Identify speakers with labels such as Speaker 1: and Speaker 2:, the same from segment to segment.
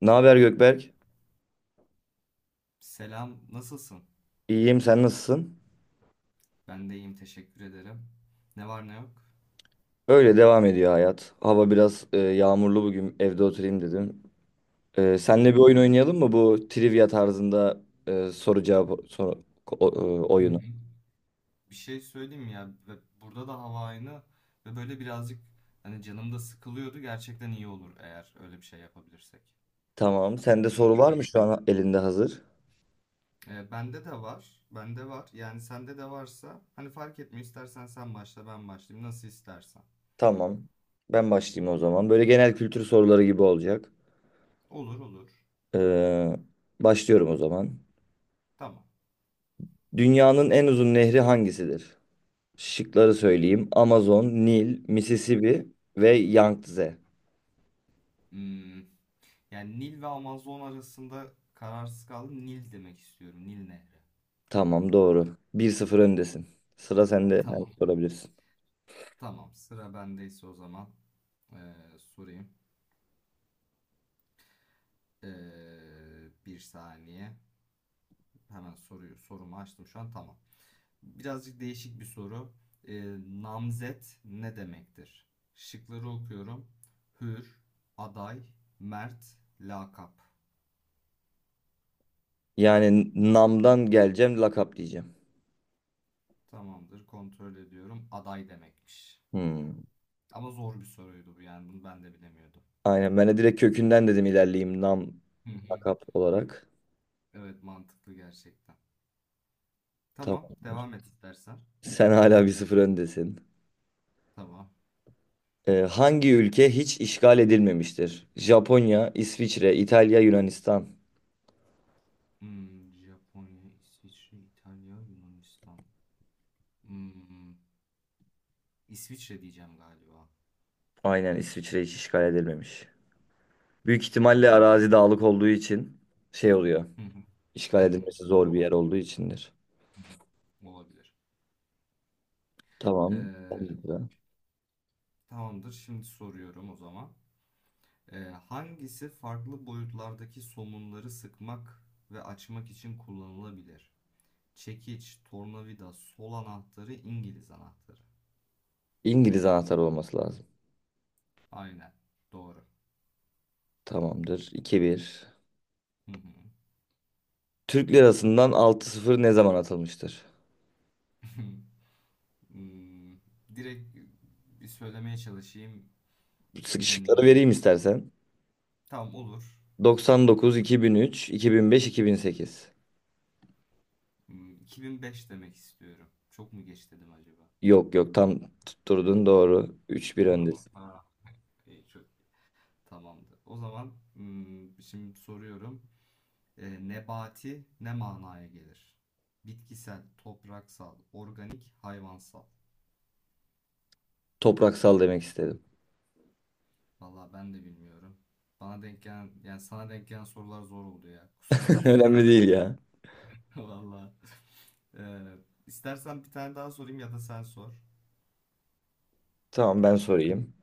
Speaker 1: Ne haber Gökberk?
Speaker 2: Selam, nasılsın?
Speaker 1: İyiyim, sen nasılsın?
Speaker 2: Ben de iyiyim, teşekkür ederim. Ne var ne yok?
Speaker 1: Öyle devam ediyor hayat. Hava biraz yağmurlu bugün. Evde oturayım dedim. E,
Speaker 2: Hı
Speaker 1: senle bir
Speaker 2: hı.
Speaker 1: oyun oynayalım mı bu trivia tarzında soru cevap soru,
Speaker 2: Hı
Speaker 1: oyunu?
Speaker 2: hı. Bir şey söyleyeyim mi ya, ve burada da hava aynı ve böyle birazcık hani canım da sıkılıyordu. Gerçekten iyi olur eğer öyle bir şey yapabilirsek.
Speaker 1: Tamam. Sende soru
Speaker 2: Eğil-
Speaker 1: var mı şu
Speaker 2: eğilelim.
Speaker 1: an elinde hazır?
Speaker 2: Bende de var, bende var. Yani sende de varsa hani fark etmiyor. İstersen sen başla, ben başlayayım. Nasıl istersen.
Speaker 1: Tamam. Ben başlayayım o zaman. Böyle genel kültür soruları gibi olacak.
Speaker 2: Olur olur.
Speaker 1: E, başlıyorum o zaman.
Speaker 2: Tamam.
Speaker 1: Dünyanın en uzun nehri hangisidir? Şıkları söyleyeyim. Amazon, Nil, Mississippi ve Yangtze.
Speaker 2: Hmm, Yani Nil ve Amazon arasında kararsız kaldım. Nil demek istiyorum. Nil Nehri.
Speaker 1: Tamam, doğru. 1-0 öndesin. Sıra sende. Sen
Speaker 2: Tamam.
Speaker 1: sorabilirsin.
Speaker 2: Tamam, sıra bendeyse o zaman sorayım. Bir saniye. Hemen soruyu sorumu açtım şu an. Tamam. Birazcık değişik bir soru. Eee, Namzet ne demektir? Şıkları okuyorum. Hür, aday, mert, lakap.
Speaker 1: Yani namdan geleceğim, lakap diyeceğim.
Speaker 2: Tamamdır. Kontrol ediyorum. Aday demekmiş.
Speaker 1: Hmm.
Speaker 2: Ama zor bir soruydu bu yani. Bunu ben de bilemiyordum.
Speaker 1: Aynen, ben de direkt kökünden dedim, ilerleyeyim nam
Speaker 2: Hı hı.
Speaker 1: lakap olarak.
Speaker 2: Evet, mantıklı gerçekten. Tamam,
Speaker 1: Tamamdır.
Speaker 2: devam et istersen.
Speaker 1: Sen hala 1-0 öndesin.
Speaker 2: Tamam.
Speaker 1: Hangi ülke hiç işgal edilmemiştir? Japonya, İsviçre, İtalya, Yunanistan.
Speaker 2: Japonya, İsviçre, İtalya, Yunanistan. Hmm, İsviçre diyeceğim galiba.
Speaker 1: Aynen, İsviçre hiç işgal edilmemiş. Büyük
Speaker 2: Hı
Speaker 1: ihtimalle
Speaker 2: hı.
Speaker 1: arazi dağlık olduğu için şey oluyor.
Speaker 2: Hı hı.
Speaker 1: İşgal
Speaker 2: Hı hı.
Speaker 1: edilmesi zor bir
Speaker 2: Olabilir.
Speaker 1: yer olduğu içindir.
Speaker 2: Hı hı. Olabilir.
Speaker 1: Tamam.
Speaker 2: Ee,
Speaker 1: Ben de sıra.
Speaker 2: Tamamdır. Şimdi soruyorum o zaman. Ee, Hangisi farklı boyutlardaki somunları sıkmak ve açmak için kullanılabilir? Çekiç, tornavida, sol anahtarı, İngiliz anahtarı.
Speaker 1: İngiliz anahtarı olması lazım.
Speaker 2: Aynen. Doğru.
Speaker 1: Tamamdır. 2 bir.
Speaker 2: Hı hı.
Speaker 1: Türk lirasından altı sıfır ne zaman atılmıştır?
Speaker 2: Hmm, Direkt bir söylemeye çalışayım. Hmm,
Speaker 1: Sıkışıkları vereyim istersen.
Speaker 2: tamam olur.
Speaker 1: 99, iki iki bin bin üç, 2005, 2008.
Speaker 2: 2005 demek istiyorum. Çok mu geç dedim acaba?
Speaker 1: Yok yok, tam tutturdun, doğru. 3-1
Speaker 2: Doğru mu?
Speaker 1: öndesin.
Speaker 2: Ha, iyi, çok tamamdı. O zaman şimdi soruyorum. Nebati ne manaya gelir? Bitkisel, topraksal, organik, hayvansal.
Speaker 1: Topraksal demek istedim.
Speaker 2: Vallahi ben de bilmiyorum. Bana denk gelen, yani sana denk gelen sorular zor oldu ya. Kusura bakma.
Speaker 1: Önemli değil ya.
Speaker 2: Vallahi. Ee, istersen bir tane daha sorayım ya da sen sor.
Speaker 1: Tamam, ben sorayım.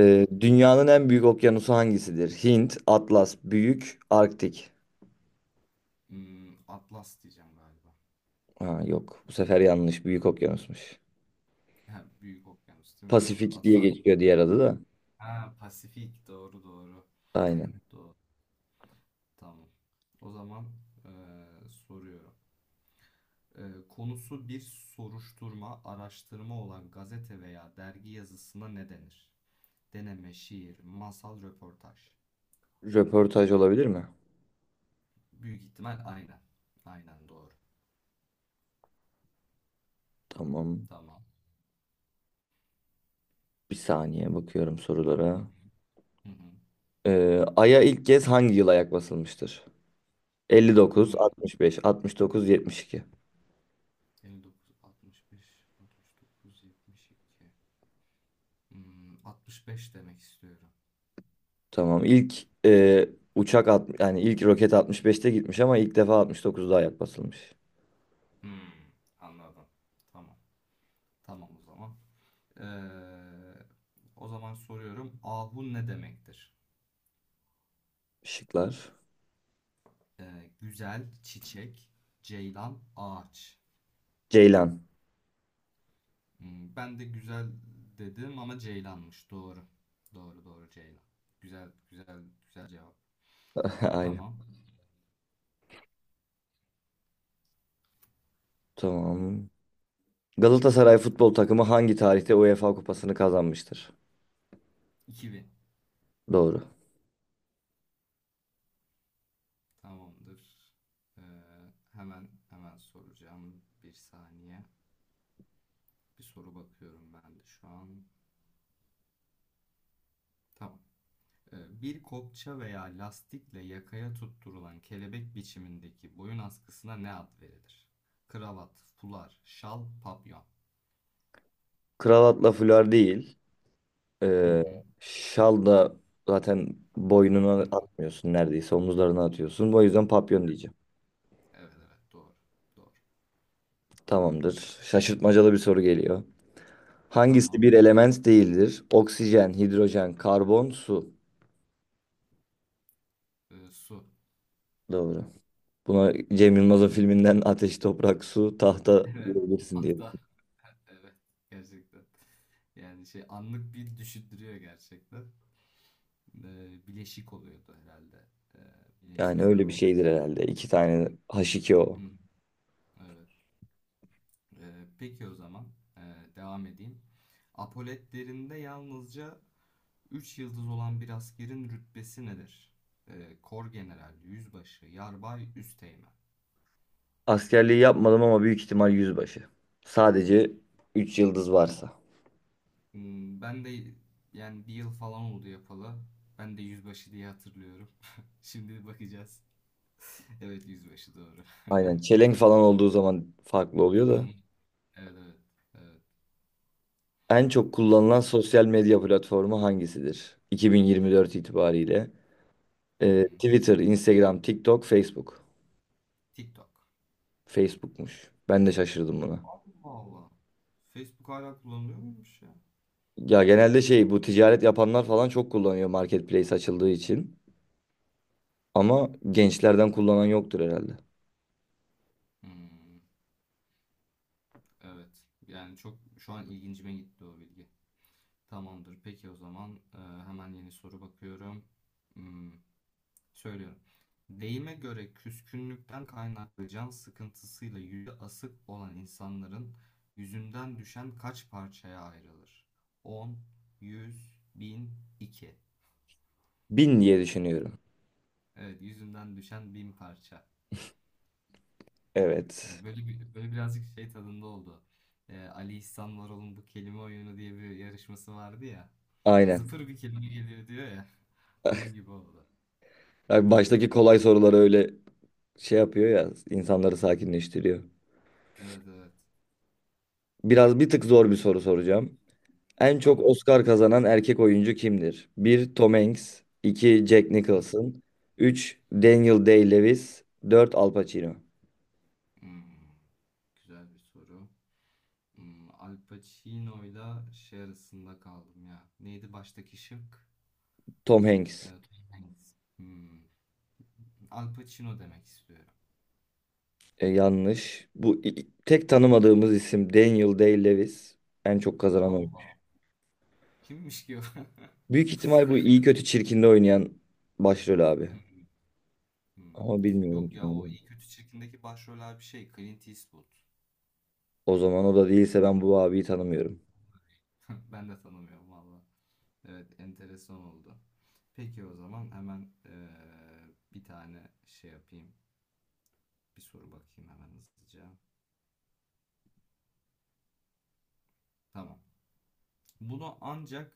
Speaker 2: Hı hı.
Speaker 1: dünyanın en büyük okyanusu hangisidir? Hint, Atlas, Büyük, Arktik.
Speaker 2: Atlas diyeceğim galiba.
Speaker 1: Ha, yok, bu sefer yanlış. Büyük okyanusmuş.
Speaker 2: Ha, Büyük okyanus değil mi? Doğru.
Speaker 1: Pasifik
Speaker 2: Adı
Speaker 1: diye
Speaker 2: zaten.
Speaker 1: geçiyor diğer adı da.
Speaker 2: Ha, Pasifik. Doğru doğru.
Speaker 1: Aynen.
Speaker 2: Tamam. O zaman soruyorum. Konusu bir soruşturma, araştırma olan gazete veya dergi yazısına ne denir? Deneme, şiir, masal, röportaj.
Speaker 1: Röportaj olabilir mi?
Speaker 2: Büyük ihtimal aynen. Aynen doğru.
Speaker 1: Tamam.
Speaker 2: Tamam.
Speaker 1: Bir saniye bakıyorum
Speaker 2: Hı
Speaker 1: sorulara.
Speaker 2: hı. Hı hı.
Speaker 1: Ay'a ilk kez hangi yıl ayak basılmıştır? 59,
Speaker 2: Hmm.
Speaker 1: 65, 69, 72.
Speaker 2: 59, 65, 69, 72. 65 demek istiyorum.
Speaker 1: Tamam. İlk yani ilk roket 65'te gitmiş ama ilk defa 69'da ayak basılmış.
Speaker 2: Hmm, Anladım. Tamam. Tamam o zaman. Ee, O zaman soruyorum. Ahun ne demektir?
Speaker 1: Şıklar.
Speaker 2: Güzel, çiçek, ceylan, ağaç.
Speaker 1: Ceylan.
Speaker 2: Ben de güzel dedim ama ceylanmış. Doğru. Doğru doğru ceylan. Güzel güzel güzel cevap.
Speaker 1: Aynen.
Speaker 2: Tamam.
Speaker 1: Tamam. Galatasaray futbol takımı hangi tarihte UEFA Kupası'nı kazanmıştır?
Speaker 2: 2000.
Speaker 1: Doğru.
Speaker 2: Tamamdır. Ee, Hemen hemen soracağım. Bir saniye. Bir soru bakıyorum ben de şu an. Tamam. Bir kopça veya lastikle yakaya tutturulan kelebek biçimindeki boyun askısına ne ad verilir? Kravat, fular, şal, papyon.
Speaker 1: Kravatla, fular değil.
Speaker 2: Hı
Speaker 1: Ee,
Speaker 2: hı.
Speaker 1: şal da zaten
Speaker 2: Hı
Speaker 1: boynuna
Speaker 2: hı.
Speaker 1: atmıyorsun, neredeyse omuzlarına atıyorsun. O yüzden papyon diyeceğim.
Speaker 2: Evet evet doğru. Doğru.
Speaker 1: Tamamdır. Şaşırtmacalı bir soru geliyor. Hangisi
Speaker 2: Tamam.
Speaker 1: bir element değildir? Oksijen, hidrojen, karbon, su.
Speaker 2: Su.
Speaker 1: Doğru. Buna Cem Yılmaz'ın filminden ateş, toprak, su, tahta
Speaker 2: Evet.
Speaker 1: diyebilirsin diye düşünüyorum.
Speaker 2: Hatta evet gerçekten. Yani şey anlık bir düşündürüyor gerçekten. Bileşik oluyordu herhalde e,
Speaker 1: Yani
Speaker 2: bilimsel
Speaker 1: öyle bir
Speaker 2: olarak.
Speaker 1: şeydir herhalde. İki tane H2O.
Speaker 2: Hı, evet. Peki o zaman ee, devam edeyim. Apoletlerinde yalnızca 3 yıldız olan bir askerin rütbesi nedir? Kor general, yüzbaşı, yarbay, üsteğmen.
Speaker 1: Askerliği yapmadım ama büyük ihtimal yüzbaşı. Sadece 3 yıldız varsa.
Speaker 2: Ben de yani bir yıl falan oldu yapalı. Ben de yüzbaşı diye hatırlıyorum. Şimdi bakacağız. Evet yüzbaşı doğru.
Speaker 1: Aynen, çelenk falan olduğu zaman farklı oluyor
Speaker 2: Hı hı,
Speaker 1: da.
Speaker 2: evet evet. Evet.
Speaker 1: En çok kullanılan sosyal medya platformu hangisidir? 2024 itibariyle.
Speaker 2: Hı hı.
Speaker 1: Twitter, Instagram, TikTok, Facebook.
Speaker 2: TikTok.
Speaker 1: Facebook'muş. Ben de şaşırdım buna.
Speaker 2: Allah Allah. Facebook hala kullanılıyor muymuş ya?
Speaker 1: Ya genelde şey, bu ticaret yapanlar falan çok kullanıyor, marketplace açıldığı için. Ama gençlerden kullanan yoktur herhalde.
Speaker 2: Hmm. Evet. Yani çok şu an ilgincime gitti o bilgi. Tamamdır. Peki o zaman hemen yeni soru bakıyorum. Hmm, Söylüyorum. Deyime göre küskünlükten kaynaklı can sıkıntısıyla yüzü asık olan insanların yüzünden düşen kaç parçaya ayrılır? 10, 100, 1000, 2.
Speaker 1: Bin diye düşünüyorum.
Speaker 2: Evet, yüzünden düşen 1000 parça.
Speaker 1: Evet.
Speaker 2: Evet, böyle bir, böyle birazcık şey tadında oldu. Ali İhsan Varol'un bu kelime oyunu diye bir yarışması vardı ya.
Speaker 1: Aynen.
Speaker 2: Zıpır bir kelime geliyor diyor ya. Onun gibi oldu.
Speaker 1: Abi, baştaki kolay soruları öyle şey yapıyor ya, insanları sakinleştiriyor.
Speaker 2: Evet evet.
Speaker 1: Biraz bir tık zor bir soru soracağım. En çok
Speaker 2: Tamam.
Speaker 1: Oscar kazanan erkek oyuncu kimdir? Bir Tom Hanks, 2 Jack Nicholson, 3 Daniel Day-Lewis, 4 Al Pacino.
Speaker 2: Hmm, Güzel bir soru. Al Pacino'yla şey arasında kaldım ya. Neydi baştaki şık?
Speaker 1: Tom Hanks.
Speaker 2: Tom Hanks. Al Pacino demek istiyorum.
Speaker 1: Yanlış. Bu tek tanımadığımız isim Daniel Day-Lewis, en çok kazanan oyuncu.
Speaker 2: Allah. Kimmiş ki o?
Speaker 1: Büyük ihtimal bu iyi kötü çirkinde oynayan başrol abi.
Speaker 2: Hmm.
Speaker 1: Ama bilmiyorum
Speaker 2: Yok
Speaker 1: kim
Speaker 2: ya o
Speaker 1: olduğunu.
Speaker 2: iyi kötü çirkindeki başroller bir şey. Clint Eastwood.
Speaker 1: O zaman o da değilse ben bu abiyi tanımıyorum.
Speaker 2: Ben de tanımıyorum valla. Evet, enteresan oldu. Peki o zaman hemen bir tane şey yapayım. Bir soru bakayım hemen hızlıca. Tamam. Bunu ancak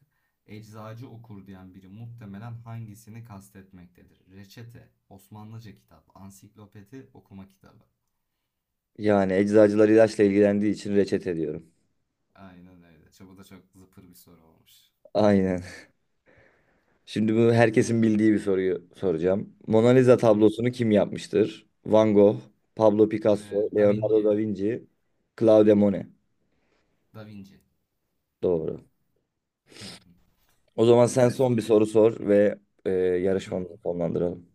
Speaker 2: eczacı okur diyen biri muhtemelen hangisini kastetmektedir? Reçete, Osmanlıca kitap, ansiklopedi, okuma kitabı.
Speaker 1: Yani eczacılar ilaçla ilgilendiği için reçete diyorum.
Speaker 2: Aynen öyle. Bu da çok zıpır bir soru olmuş.
Speaker 1: Aynen. Şimdi bunu herkesin bildiği bir soruyu soracağım. Mona Lisa
Speaker 2: Hı.
Speaker 1: tablosunu kim yapmıştır? Van Gogh, Pablo Picasso,
Speaker 2: Da
Speaker 1: Leonardo
Speaker 2: Vinci.
Speaker 1: da Vinci, Claude Monet.
Speaker 2: Da Vinci.
Speaker 1: Doğru.
Speaker 2: Hı hı.
Speaker 1: O zaman sen son bir
Speaker 2: Soru.
Speaker 1: soru sor ve
Speaker 2: Hı hı.
Speaker 1: yarışmamızı sonlandıralım.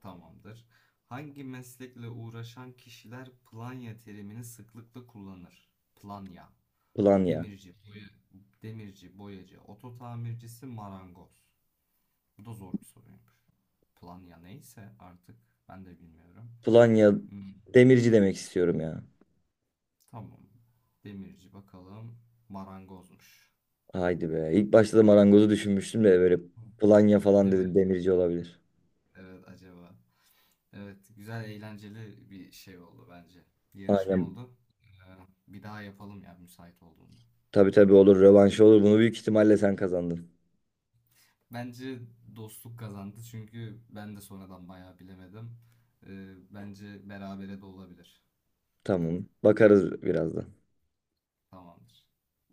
Speaker 2: Tamamdır. Hangi meslekle uğraşan kişiler planya terimini sıklıkla kullanır? Planya,
Speaker 1: Planya.
Speaker 2: demirci, boya, demirci, boyacı, oto tamircisi, marangoz. Bu da zor bir soruymuş. Planya neyse artık ben de bilmiyorum.
Speaker 1: Planya,
Speaker 2: Hmm,
Speaker 1: demirci demek istiyorum ya.
Speaker 2: Tamam. Demirci bakalım. Marangozmuş.
Speaker 1: Haydi be. İlk başta da marangozu düşünmüştüm de böyle
Speaker 2: Hı.
Speaker 1: Planya falan
Speaker 2: Değil mi?
Speaker 1: dedim, demirci olabilir.
Speaker 2: Evet acaba. Evet, güzel eğlenceli bir şey oldu bence. Yarışma
Speaker 1: Aynen.
Speaker 2: oldu. Ee, Bir daha yapalım ya müsait olduğunda.
Speaker 1: Tabii tabii, olur. Rövanşı olur. Bunu büyük ihtimalle sen kazandın.
Speaker 2: Bence dostluk kazandı çünkü ben de sonradan bayağı bilemedim. Bence berabere de olabilir.
Speaker 1: Tamam. Bakarız birazdan.
Speaker 2: Tamamdır.